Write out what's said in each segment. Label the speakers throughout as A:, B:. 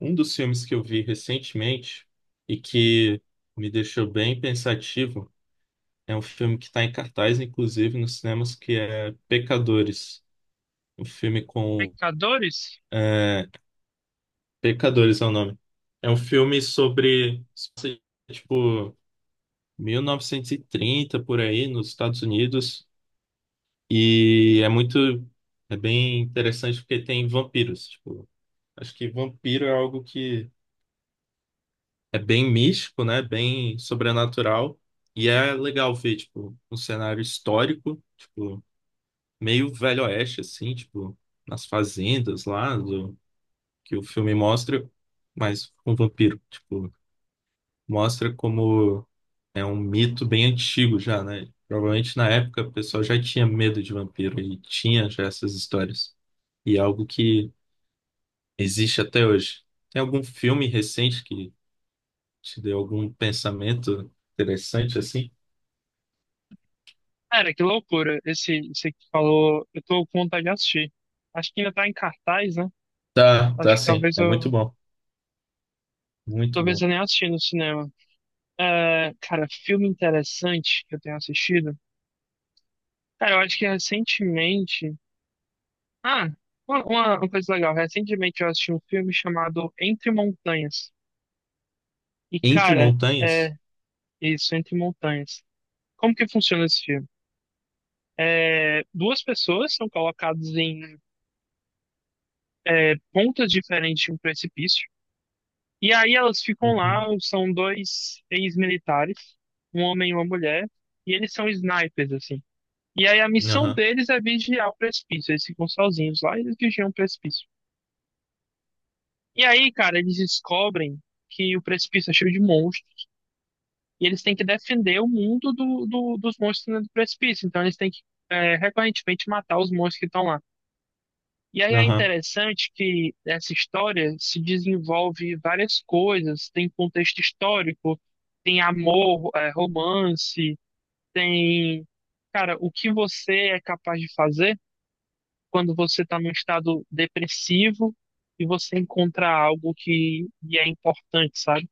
A: Um dos filmes que eu vi recentemente e que me deixou bem pensativo é um filme que está em cartaz, inclusive nos cinemas, que é Pecadores. Um filme com.
B: Pecadores?
A: É, Pecadores é o nome. É um filme sobre, tipo, 1930 por aí, nos Estados Unidos. E é muito. É bem interessante porque tem vampiros. Tipo, acho que vampiro é algo que. É bem místico, né? Bem sobrenatural. E é legal ver, tipo, um cenário histórico, tipo, meio Velho Oeste, assim, tipo, nas fazendas lá do, que o filme mostra, mas com vampiro, tipo, mostra como é um mito bem antigo já, né? Provavelmente na época o pessoal já tinha medo de vampiro e tinha já essas histórias. E é algo que existe até hoje. Tem algum filme recente que te deu algum pensamento interessante assim?
B: Cara, que loucura. Esse que falou, eu tô com vontade de assistir. Acho que ainda tá em cartaz, né?
A: Tá,
B: Acho
A: tá
B: que
A: sim. É muito bom. Muito
B: talvez
A: bom.
B: eu nem assisti no cinema. É, cara, filme interessante que eu tenho assistido. Cara, eu acho que recentemente. Ah, uma coisa legal. Recentemente eu assisti um filme chamado Entre Montanhas. E,
A: Entre
B: cara, é
A: montanhas?
B: isso, Entre Montanhas. Como que funciona esse filme? É, duas pessoas são colocadas em pontas diferentes de um precipício. E aí elas ficam lá,
A: Uhum.
B: são dois ex-militares, um homem e uma mulher, e eles são snipers, assim. E aí a missão
A: Aham,
B: deles é vigiar o precipício, eles ficam sozinhos lá e eles vigiam o precipício. E aí, cara, eles descobrem que o precipício é cheio de monstros, e eles têm que defender o mundo dos monstros no do precipício. Então eles têm que, é, recorrentemente matar os monstros que estão lá. E aí é
A: aham.
B: interessante que essa história se desenvolve várias coisas, tem contexto histórico, tem amor, é, romance, tem, cara, o que você é capaz de fazer quando você está num estado depressivo e você encontra algo que lhe é importante, sabe?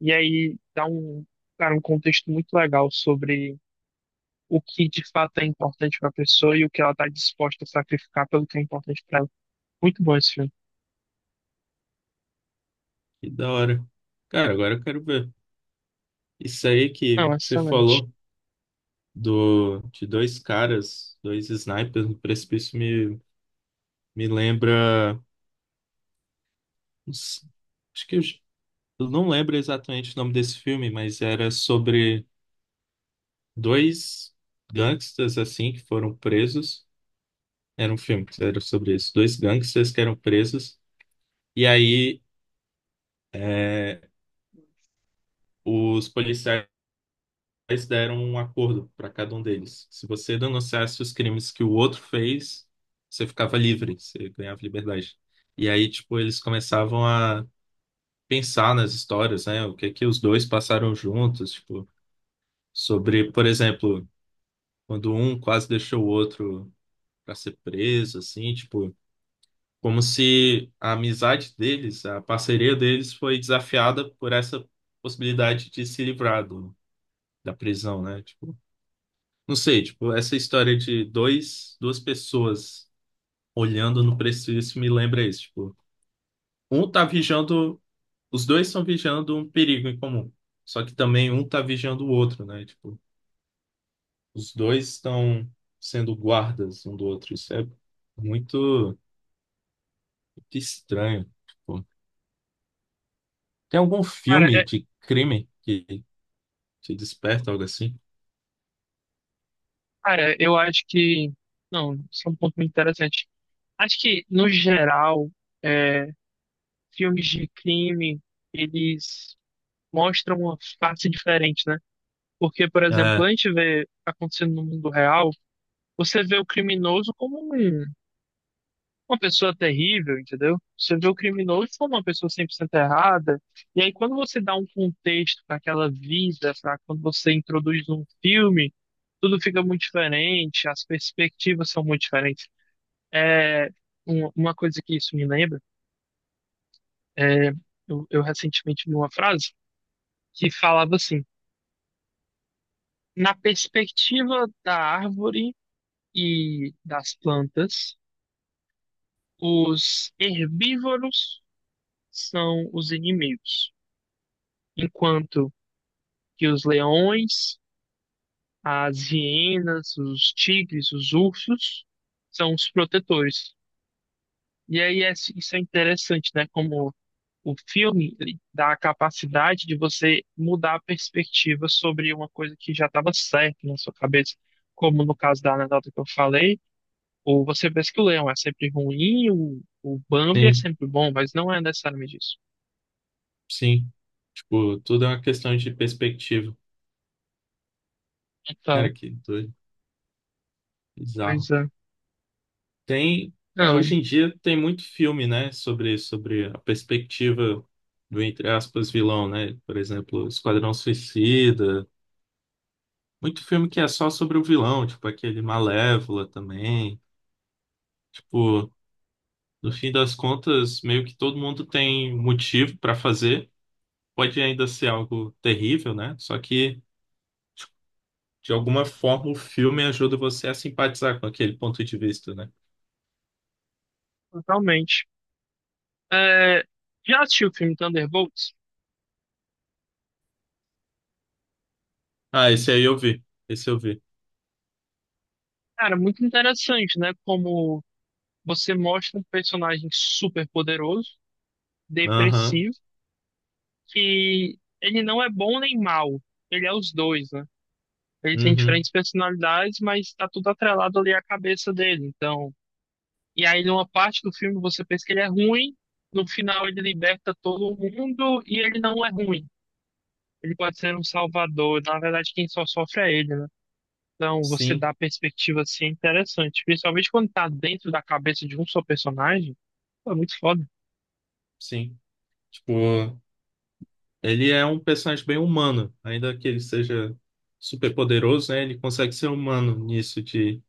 B: E aí dá um, cara, um contexto muito legal sobre o que de fato é importante para a pessoa e o que ela está disposta a sacrificar pelo que é importante para ela. Muito bom esse filme.
A: Que da hora. Cara, agora eu quero ver. Isso aí que
B: Não,
A: você
B: excelente.
A: falou do, de dois caras, dois snipers no precipício me, me lembra. Não s- Acho que eu não lembro exatamente o nome desse filme, mas era sobre dois gangsters assim que foram presos. Era um filme que era sobre isso. Dois gangsters que eram presos. E aí, é, os policiais deram um acordo para cada um deles. Se você denunciasse os crimes que o outro fez, você ficava livre, você ganhava liberdade. E aí, tipo, eles começavam a pensar nas histórias, né? O que que os dois passaram juntos, tipo, sobre, por exemplo, quando um quase deixou o outro para ser preso, assim, tipo. Como se a amizade deles, a parceria deles foi desafiada por essa possibilidade de se livrar do, da prisão, né? Tipo, não sei, tipo, essa história de dois, duas pessoas olhando no precipício me lembra isso, tipo, um tá vigiando, os dois estão vigiando um perigo em comum, só que também um tá vigiando o outro, né? Tipo, os dois estão sendo guardas um do outro, isso é muito, muito estranho. Tipo, tem algum
B: Cara,
A: filme de crime que se desperta, algo assim.
B: cara, eu acho que. Não, isso é um ponto muito interessante. Acho que, no geral, é, filmes de crime, eles mostram uma face diferente, né? Porque, por exemplo,
A: É,
B: a gente vê acontecendo no mundo real, você vê o criminoso como um. Uma pessoa terrível, entendeu? Você vê o criminoso como uma pessoa 100% errada, e aí quando você dá um contexto para aquela vida, para quando você introduz um filme, tudo fica muito diferente, as perspectivas são muito diferentes. É uma coisa que isso me lembra, é, eu recentemente li uma frase que falava assim: na perspectiva da árvore e das plantas, os herbívoros são os inimigos. Enquanto que os leões, as hienas, os tigres, os ursos são os protetores. E aí isso é interessante, né? Como o filme ele dá a capacidade de você mudar a perspectiva sobre uma coisa que já estava certa na sua cabeça, como no caso da anedota que eu falei, ou você pensa que o leão é sempre ruim, o Bambi é
A: sim,
B: sempre bom, mas não é necessariamente isso.
A: sim. Tipo, tudo é uma questão de perspectiva.
B: Então,
A: Cara, que doido, bizarro.
B: pois é.
A: Tem, é,
B: Não,
A: hoje em dia tem muito filme, né, sobre a perspectiva do, entre aspas, vilão, né? Por exemplo, Esquadrão Suicida. Muito filme que é só sobre o vilão, tipo aquele Malévola também. Tipo, no fim das contas, meio que todo mundo tem motivo pra fazer. Pode ainda ser algo terrível, né? Só que de alguma forma, o filme ajuda você a simpatizar com aquele ponto de vista, né?
B: totalmente. É, já assistiu o filme Thunderbolts?
A: Ah, esse aí eu vi. Esse eu vi.
B: Cara, muito interessante, né? Como você mostra um personagem super poderoso,
A: Aham.
B: depressivo, que ele não é bom nem mal, ele é os dois, né? Ele tem
A: Uhum.
B: diferentes personalidades, mas tá tudo atrelado ali à cabeça dele. Então, e aí numa parte do filme você pensa que ele é ruim, no final ele liberta todo mundo e ele não é ruim. Ele pode ser um salvador, na verdade quem só sofre é ele, né? Então, você dá
A: Sim,
B: a perspectiva assim, é interessante. Principalmente quando tá dentro da cabeça de um só personagem. Pô, é muito foda.
A: sim. Tipo, ele é um personagem bem humano. Ainda que ele seja super poderoso, né? Ele consegue ser humano nisso de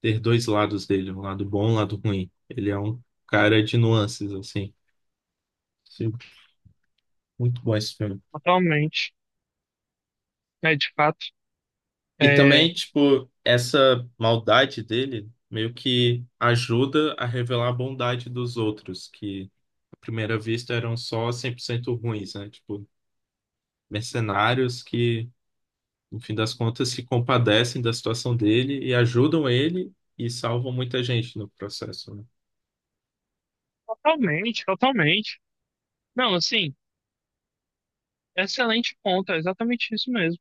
A: ter dois lados dele, um lado bom, um lado ruim. Ele é um cara de nuances, assim. Sim, muito bom esse filme.
B: Totalmente. É, de fato.
A: E
B: É,
A: também, tipo, essa maldade dele meio que ajuda a revelar a bondade dos outros, que à primeira vista eram só 100% ruins, né? Tipo, mercenários que, no fim das contas, se compadecem da situação dele e ajudam ele e salvam muita gente no processo, né?
B: totalmente, totalmente. Não, assim, excelente ponto. É exatamente isso mesmo.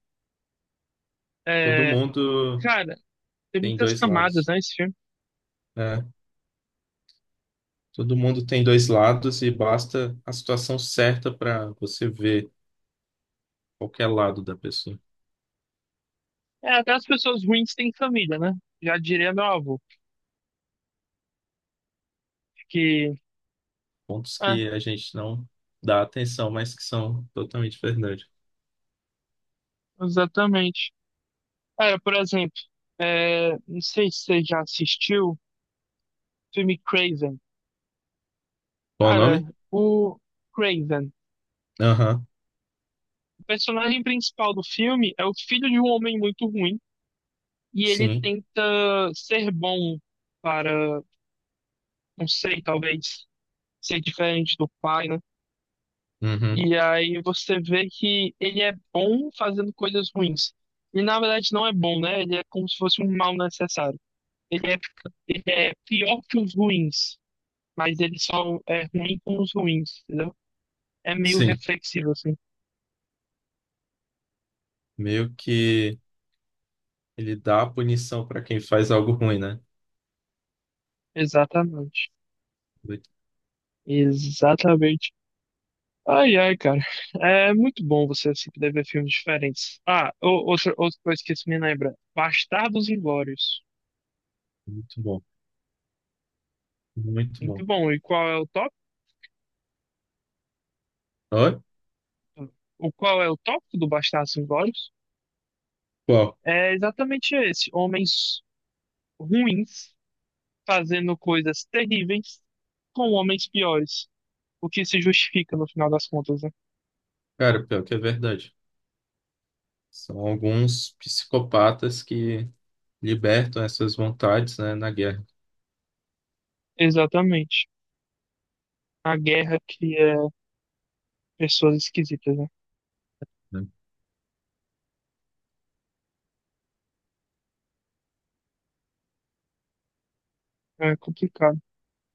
A: Todo
B: É,
A: mundo
B: cara, tem
A: tem
B: muitas
A: dois
B: camadas,
A: lados,
B: né, esse filme.
A: né? Todo mundo tem dois lados e basta a situação certa para você ver qualquer lado da pessoa.
B: É, até as pessoas ruins têm família, né? Já diria meu avô. Que,
A: Pontos
B: é,
A: que a gente não dá atenção, mas que são totalmente verdade.
B: exatamente. Cara, por exemplo, é, não sei se você já assistiu o filme Craven.
A: Qual o
B: Cara,
A: nome?
B: o Craven,
A: Aham,
B: o personagem principal do filme, é o filho de um homem muito ruim e ele
A: sim.
B: tenta ser bom para, não sei, talvez ser diferente do pai, né?
A: Uhum,
B: E aí você vê que ele é bom fazendo coisas ruins. E na verdade não é bom, né? Ele é como se fosse um mal necessário. Ele é, ele é pior que os ruins, mas ele só é ruim com os ruins, entendeu? É meio
A: sim.
B: reflexivo, assim.
A: Meio que ele dá a punição para quem faz algo ruim, né?
B: Exatamente.
A: Muito,
B: Exatamente. Ai, ai, cara. É muito bom você se poder ver filmes diferentes. Ah, outra coisa que isso me lembra. Bastardos Inglórios.
A: muito bom, muito
B: Muito
A: bom.
B: bom. E qual é o tópico?
A: Oi?
B: O qual é o tópico do Bastardos Inglórios?
A: Qual?
B: É exatamente esse. Homens ruins fazendo coisas terríveis com homens piores. O que se justifica no final das contas, né?
A: Cara, pior que é verdade. São alguns psicopatas que libertam essas vontades, né, na guerra.
B: Exatamente. A guerra cria pessoas esquisitas, né?
A: Né?
B: É complicado.